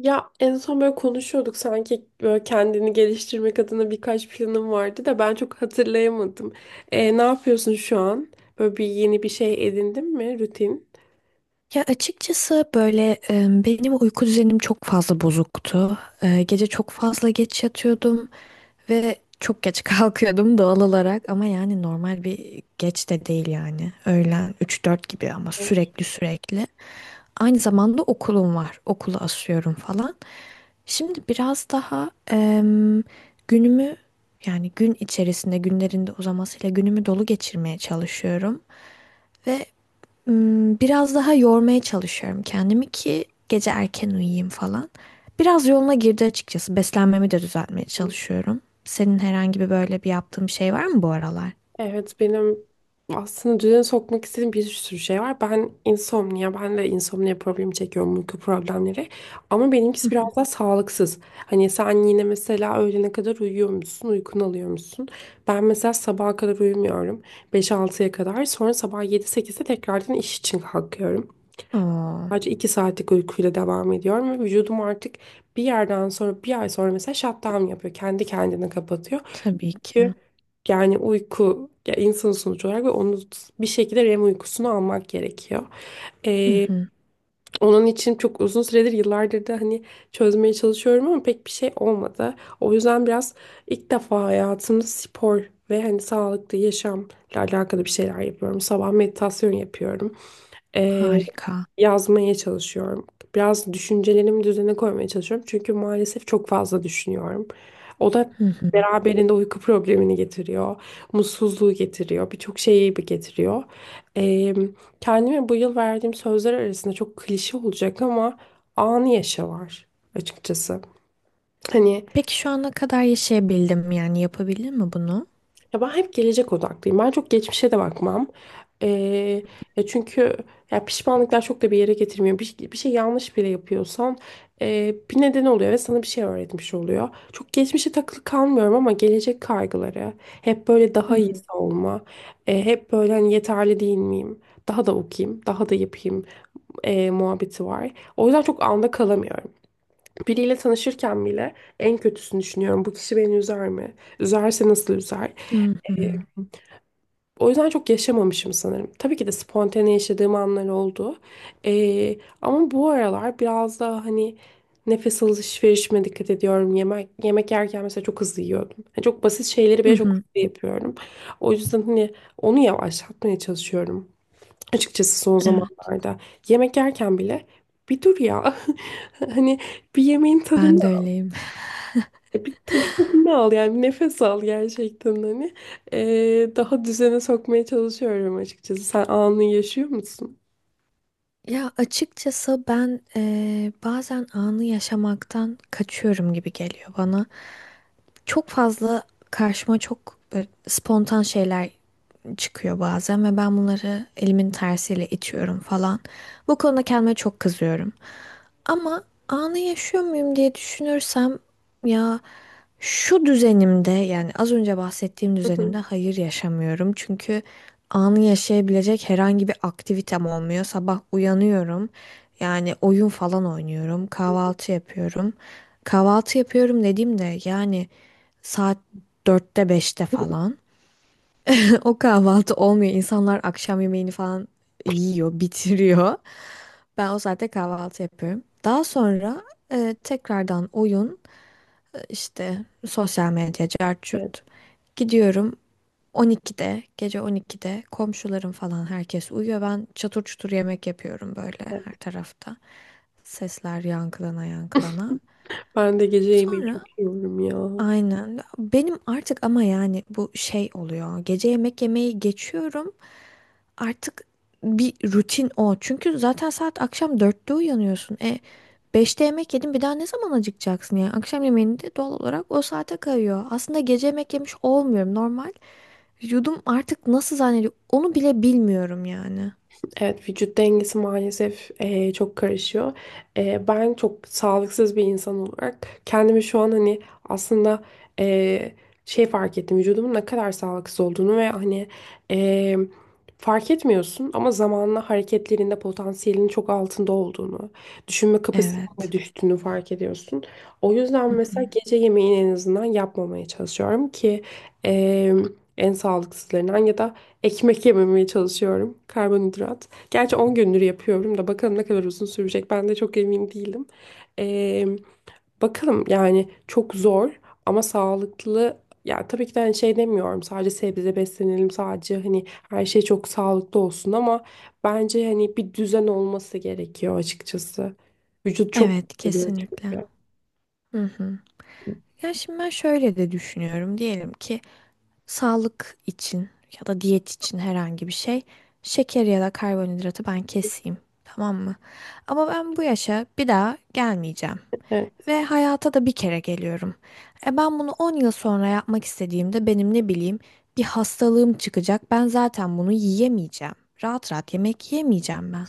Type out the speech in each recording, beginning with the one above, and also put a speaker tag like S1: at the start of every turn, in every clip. S1: Ya en son böyle konuşuyorduk sanki böyle kendini geliştirmek adına birkaç planım vardı da ben çok hatırlayamadım. Ne yapıyorsun şu an? Böyle bir yeni bir şey edindin mi rutin?
S2: Ya açıkçası böyle benim uyku düzenim çok fazla bozuktu. Gece çok fazla geç yatıyordum ve çok geç kalkıyordum doğal olarak ama yani normal bir geç de değil yani. Öğlen üç dört gibi ama sürekli sürekli. Aynı zamanda okulum var. Okulu asıyorum falan. Şimdi biraz daha günümü yani gün içerisinde günlerinde uzamasıyla günümü dolu geçirmeye çalışıyorum. Ve biraz daha yormaya çalışıyorum kendimi ki gece erken uyuyayım falan. Biraz yoluna girdi açıkçası. Beslenmemi de düzeltmeye çalışıyorum. Senin herhangi bir böyle bir yaptığın bir şey var mı bu aralar?
S1: Evet, benim aslında düzene sokmak istediğim bir sürü şey var. Ben insomnia, ben de insomnia problemi çekiyorum, uyku problemleri. Ama
S2: Hı
S1: benimkisi biraz
S2: hı.
S1: daha sağlıksız. Hani sen yine mesela öğlene kadar uyuyor musun, uykunu alıyor musun? Ben mesela sabaha kadar uyumuyorum. Beş altıya kadar. Sonra sabah yedi 8'de tekrardan iş için kalkıyorum.
S2: Oo,
S1: Sadece 2 saatlik uykuyla devam ediyorum ve vücudum artık bir yerden sonra bir ay sonra mesela shutdown yapıyor. Kendi kendine kapatıyor.
S2: tabii ki.
S1: Çünkü yani uyku ya, insan sonuç olarak, ve onu bir şekilde REM uykusunu almak gerekiyor.
S2: Hı
S1: Ee,
S2: hı.
S1: Onun için çok uzun süredir, yıllardır da hani çözmeye çalışıyorum ama pek bir şey olmadı. O yüzden biraz ilk defa hayatımda spor ve hani sağlıklı yaşamla alakalı bir şeyler yapıyorum. Sabah meditasyon yapıyorum. Ee,
S2: Harika.
S1: Yazmaya çalışıyorum. Biraz düşüncelerimi düzene koymaya çalışıyorum. Çünkü maalesef çok fazla düşünüyorum. O da
S2: Hı hı.
S1: beraberinde uyku problemini getiriyor. Mutsuzluğu getiriyor. Birçok şeyi bir getiriyor. Ee, Kendime bu yıl verdiğim sözler arasında çok klişe olacak ama anı yaşa var açıkçası. Hani
S2: Peki şu ana kadar yaşayabildim mi? Yani yapabildin mi bunu?
S1: Ya ben hep gelecek odaklıyım. Ben çok geçmişe de bakmam. Ee, Çünkü ya pişmanlıklar çok da bir yere getirmiyor. Bir şey yanlış bile yapıyorsan bir neden oluyor ve sana bir şey öğretmiş oluyor. Çok geçmişe takılı kalmıyorum ama gelecek kaygıları, hep böyle
S2: Hı
S1: daha
S2: hı.
S1: iyisi olma, hep böyle hani yeterli değil miyim? Daha da okuyayım, daha da yapayım muhabbeti var. O yüzden çok anda kalamıyorum. Biriyle tanışırken bile en kötüsünü düşünüyorum. Bu kişi beni üzer mi? Üzerse nasıl üzer?
S2: Hı hı.
S1: O yüzden çok yaşamamışım sanırım. Tabii ki de spontane yaşadığım anlar oldu. Ama bu aralar biraz daha hani nefes alışverişime dikkat ediyorum. Yemek yerken mesela çok hızlı yiyordum. Yani çok basit şeyleri
S2: Hı
S1: bile çok
S2: hı.
S1: hızlı yapıyorum. O yüzden hani onu yavaşlatmaya çalışıyorum. Açıkçası son
S2: Evet,
S1: zamanlarda. Yemek yerken bile bir dur ya. Hani bir yemeğin
S2: ben
S1: tadını
S2: de öyleyim.
S1: bir tabii tadını al, yani bir nefes al gerçekten hani. E, daha düzene sokmaya çalışıyorum açıkçası. Sen anını yaşıyor musun?
S2: Ya açıkçası ben bazen anı yaşamaktan kaçıyorum gibi geliyor bana. Çok fazla karşıma çok böyle spontan şeyler çıkıyor bazen ve ben bunları elimin tersiyle itiyorum falan. Bu konuda kendime çok kızıyorum. Ama anı yaşıyor muyum diye düşünürsem ya şu düzenimde yani az önce bahsettiğim
S1: Hı
S2: düzenimde
S1: hı.
S2: hayır yaşamıyorum. Çünkü anı yaşayabilecek herhangi bir aktivitem olmuyor. Sabah uyanıyorum. Yani oyun falan oynuyorum. Kahvaltı yapıyorum. Kahvaltı yapıyorum dediğimde yani saat dörtte beşte falan. O kahvaltı olmuyor. İnsanlar akşam yemeğini falan yiyor, bitiriyor. Ben o saatte kahvaltı yapıyorum. Daha sonra tekrardan oyun, işte sosyal medya, cart
S1: Evet.
S2: curt. Gidiyorum 12'de, gece 12'de komşularım falan herkes uyuyor. Ben çatır çutur yemek yapıyorum böyle
S1: Evet.
S2: her tarafta. Sesler yankılana yankılana.
S1: Ben de gece yemeği
S2: Sonra
S1: çok yiyorum ya.
S2: aynen. Benim artık ama yani bu şey oluyor. Gece yemek yemeyi geçiyorum. Artık bir rutin o. Çünkü zaten saat akşam dörtte uyanıyorsun. Beşte yemek yedin bir daha ne zaman acıkacaksın yani? Akşam yemeğini de doğal olarak o saate kayıyor. Aslında gece yemek yemiş olmuyorum normal. Vücudum artık nasıl zannediyor onu bile bilmiyorum yani.
S1: Evet, vücut dengesi maalesef çok karışıyor. Ben çok sağlıksız bir insan olarak kendimi şu an hani aslında eee, şey fark ettim, vücudumun ne kadar sağlıksız olduğunu ve hani eee, fark etmiyorsun ama zamanla hareketlerinde potansiyelinin çok altında olduğunu, düşünme kapasitenin de
S2: Evet.
S1: düştüğünü fark ediyorsun. O yüzden
S2: Hı hı.
S1: mesela gece yemeğini en azından yapmamaya çalışıyorum ki eee, en sağlıksızlarından ya da ekmek yememeye çalışıyorum. Karbonhidrat. Gerçi 10 gündür yapıyorum da bakalım ne kadar uzun sürecek. Ben de çok emin değilim. Ee, Bakalım, yani çok zor ama sağlıklı. Ya tabii ki de hani şey demiyorum, sadece sebze beslenelim, sadece hani her şey çok sağlıklı olsun ama bence hani bir düzen olması gerekiyor açıkçası. Vücut çok
S2: Evet,
S1: yoruluyor
S2: kesinlikle.
S1: çünkü.
S2: Hı hı. Ya şimdi ben şöyle de düşünüyorum. Diyelim ki sağlık için ya da diyet için herhangi bir şey şeker ya da karbonhidratı ben keseyim. Tamam mı? Ama ben bu yaşa bir daha gelmeyeceğim. Ve hayata da bir kere geliyorum. E ben bunu 10 yıl sonra yapmak istediğimde benim ne bileyim bir hastalığım çıkacak. Ben zaten bunu yiyemeyeceğim. Rahat rahat yemek yemeyeceğim ben.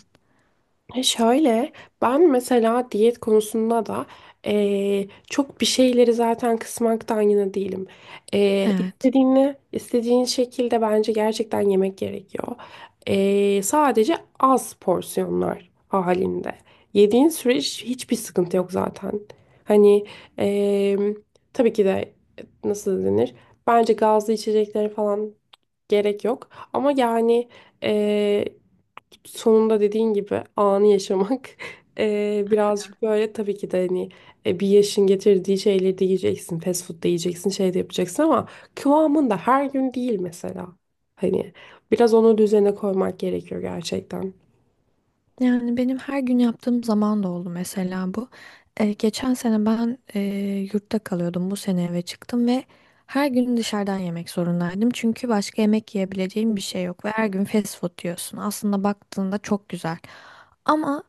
S1: E, şöyle, ben mesela diyet konusunda da çok bir şeyleri zaten kısmaktan yana değilim. Eee,
S2: Evet.
S1: istediğini istediğin şekilde bence gerçekten yemek gerekiyor. Sadece az porsiyonlar halinde. Yediğin süreç hiçbir sıkıntı yok zaten. Hani, eee, tabii ki de nasıl denir? Bence gazlı içeceklere falan gerek yok. Ama yani eee sonunda dediğin gibi anı yaşamak birazcık böyle tabii ki de hani bir yaşın getirdiği şeyleri de yiyeceksin, fast food da yiyeceksin, şey de yapacaksın ama kıvamında, her gün değil mesela. Hani biraz onu düzene koymak gerekiyor gerçekten.
S2: Yani benim her gün yaptığım zaman da oldu mesela bu. Geçen sene ben yurtta kalıyordum. Bu sene eve çıktım ve her gün dışarıdan yemek zorundaydım. Çünkü başka yemek yiyebileceğim bir şey yok ve her gün fast food diyorsun. Aslında baktığında çok güzel. Ama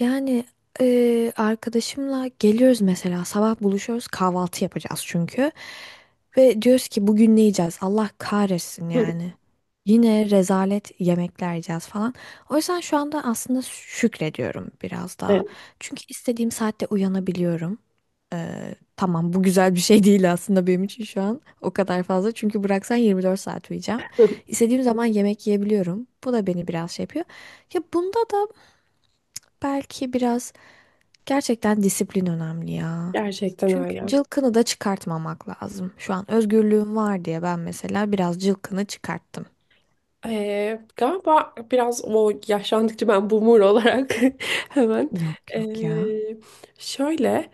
S2: yani arkadaşımla geliyoruz mesela sabah buluşuyoruz kahvaltı yapacağız çünkü. Ve diyoruz ki bugün ne yiyeceğiz? Allah kahretsin yani. Yine rezalet yemekler yiyeceğiz falan. O yüzden şu anda aslında şükrediyorum biraz daha.
S1: Evet.
S2: Çünkü istediğim saatte uyanabiliyorum. Tamam, bu güzel bir şey değil aslında benim için şu an. O kadar fazla. Çünkü bıraksan 24 saat uyuyacağım. İstediğim zaman yemek yiyebiliyorum. Bu da beni biraz şey yapıyor. Ya bunda da belki biraz gerçekten disiplin önemli ya.
S1: Gerçekten
S2: Çünkü
S1: öyle.
S2: cılkını da çıkartmamak lazım. Şu an özgürlüğüm var diye ben mesela biraz cılkını çıkarttım.
S1: Galiba biraz o, yaşlandıkça ben boomer olarak hemen
S2: Yok yok ya.
S1: ee, şöyle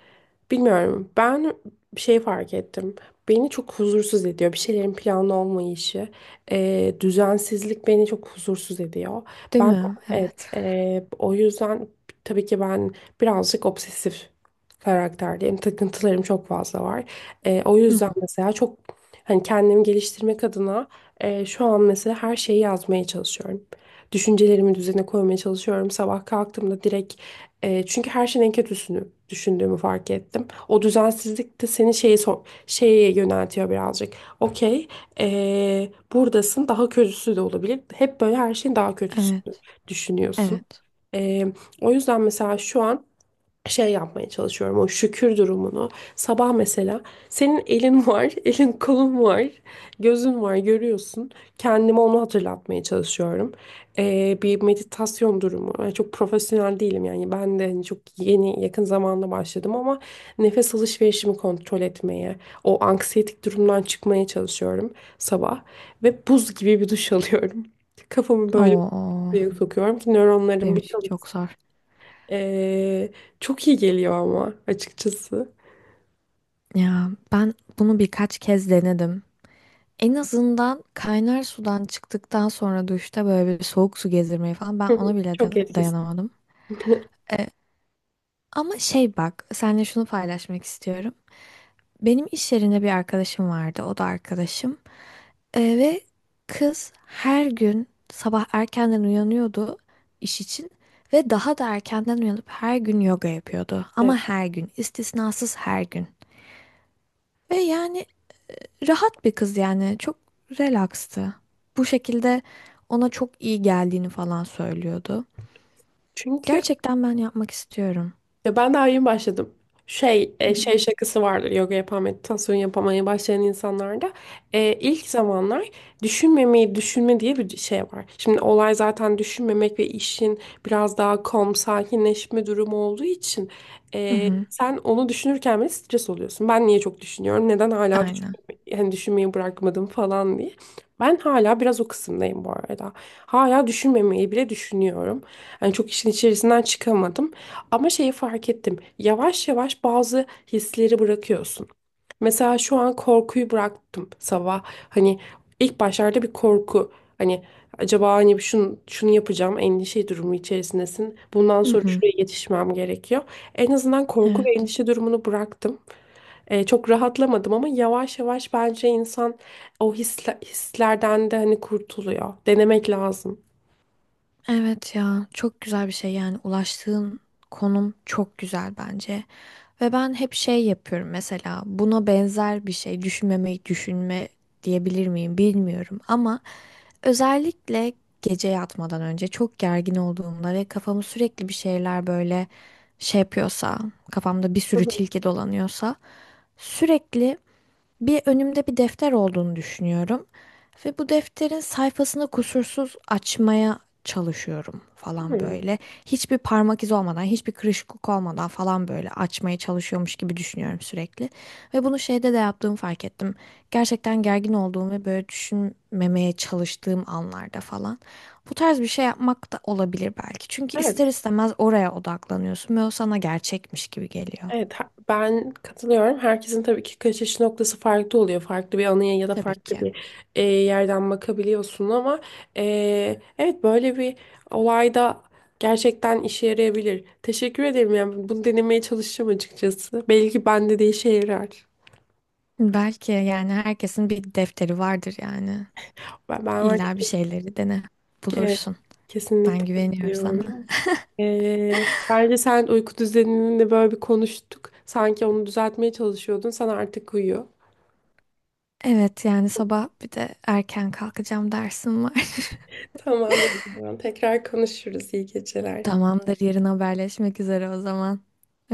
S1: bilmiyorum, ben bir şey fark ettim. Beni çok huzursuz ediyor bir şeylerin planlı olmayışı, düzensizlik beni çok huzursuz ediyor.
S2: Değil
S1: Ben,
S2: mi?
S1: evet,
S2: Evet.
S1: o yüzden tabii ki ben birazcık obsesif karakterdeyim. Takıntılarım çok fazla var. O
S2: Hı
S1: yüzden
S2: hı.
S1: mesela çok hani kendimi geliştirmek adına şu an mesela her şeyi yazmaya çalışıyorum. Düşüncelerimi düzene koymaya çalışıyorum. Sabah kalktığımda direkt çünkü her şeyin en kötüsünü düşündüğümü fark ettim. O düzensizlik de seni şeye yöneltiyor birazcık. Okey, buradasın, daha kötüsü de olabilir. Hep böyle her şeyin daha kötüsünü
S2: Evet.
S1: düşünüyorsun.
S2: Evet.
S1: E, O yüzden mesela şu an şey yapmaya çalışıyorum, o şükür durumunu. Sabah mesela senin elin var, elin kolun var, gözün var, görüyorsun. Kendime onu hatırlatmaya çalışıyorum. Bir meditasyon durumu. Ben çok profesyonel değilim, yani ben de hani çok yeni, yakın zamanda başladım ama nefes alışverişimi kontrol etmeye, o anksiyetik durumdan çıkmaya çalışıyorum sabah ve buz gibi bir duş alıyorum. Kafamı böyle
S2: Oo,
S1: buraya sokuyorum ki nöronlarım
S2: benim
S1: bir
S2: için çok zor.
S1: ee, çok iyi geliyor ama açıkçası.
S2: Ya ben bunu birkaç kez denedim. En azından kaynar sudan çıktıktan sonra duşta böyle bir soğuk su gezdirmeyi falan ben
S1: Hı
S2: ona
S1: hı,
S2: bile
S1: çok etkisi.
S2: dayanamadım. E, Ama şey bak, seninle şunu paylaşmak istiyorum. Benim iş yerinde bir arkadaşım vardı, o da arkadaşım. Ve kız her gün sabah erkenden uyanıyordu iş için ve daha da erkenden uyanıp her gün yoga yapıyordu. Ama
S1: Evet.
S2: her gün, istisnasız her gün. Ve yani rahat bir kız yani çok relaxtı. Bu şekilde ona çok iyi geldiğini falan söylüyordu.
S1: Çünkü
S2: Gerçekten ben yapmak istiyorum.
S1: ya ben daha yeni başladım. Şey şakası vardır yoga yapan, meditasyon yapamaya başlayan insanlarda. E, ilk zamanlar düşünmemeyi düşünme diye bir şey var. Şimdi olay zaten düşünmemek ve işin biraz daha calm, sakinleşme durumu olduğu için
S2: Hı hı.
S1: sen onu düşünürken bile stres oluyorsun. Ben niye çok düşünüyorum, neden hala
S2: Aynen.
S1: düşünmeyi, yani düşünmeyi bırakmadım falan diye. Ben hala biraz o kısımdayım bu arada. Hala düşünmemeyi bile düşünüyorum. Yani çok işin içerisinden çıkamadım. Ama şeyi fark ettim. Yavaş yavaş bazı hisleri bırakıyorsun. Mesela şu an korkuyu bıraktım sabah. Hani ilk başlarda bir korku. Hani acaba hani şunu, şunu yapacağım, endişe durumu içerisindesin. Bundan
S2: Hı
S1: sonra
S2: hı.
S1: şuraya yetişmem gerekiyor. En azından korku
S2: Evet.
S1: ve endişe durumunu bıraktım. Çok rahatlamadım ama yavaş yavaş bence insan o hislerden de hani kurtuluyor. Denemek lazım.
S2: Evet ya çok güzel bir şey yani ulaştığın konum çok güzel bence. Ve ben hep şey yapıyorum mesela buna benzer bir şey düşünmemeyi düşünme diyebilir miyim bilmiyorum ama özellikle gece yatmadan önce çok gergin olduğumda ve kafamı sürekli bir şeyler böyle şey yapıyorsa kafamda bir
S1: Hı
S2: sürü
S1: hı.
S2: tilki dolanıyorsa sürekli bir önümde bir defter olduğunu düşünüyorum ve bu defterin sayfasını kusursuz açmaya çalışıyorum falan
S1: Hmm.
S2: böyle. Hiçbir parmak izi olmadan, hiçbir kırışıklık olmadan falan böyle açmaya çalışıyormuş gibi düşünüyorum sürekli. Ve bunu şeyde de yaptığımı fark ettim. Gerçekten gergin olduğum ve böyle düşünmemeye çalıştığım anlarda falan. Bu tarz bir şey yapmak da olabilir belki. Çünkü ister
S1: Evet,
S2: istemez oraya odaklanıyorsun ve o sana gerçekmiş gibi geliyor.
S1: evet, ben katılıyorum. Herkesin tabii ki kaçış noktası farklı oluyor. Farklı bir anıya ya da
S2: Tabii
S1: farklı
S2: ki.
S1: bir yerden bakabiliyorsun ama evet, böyle bir olayda gerçekten işe yarayabilir. Teşekkür ederim. Yani bunu denemeye çalışacağım açıkçası. Belki bende de işe yarar.
S2: Belki yani herkesin bir defteri vardır yani.
S1: Ben var.
S2: İlla bir şeyleri dene
S1: Evet,
S2: bulursun. Ben
S1: kesinlikle
S2: güveniyorum sana.
S1: katılıyorum. Bence sen uyku düzenini de böyle bir konuştuk. Sanki onu düzeltmeye çalışıyordun. Sen artık uyuyor.
S2: Evet yani sabah bir de erken kalkacağım dersim var.
S1: Tamamdır o zaman. Tekrar konuşuruz. İyi geceler.
S2: Tamamdır, yarın haberleşmek üzere o zaman.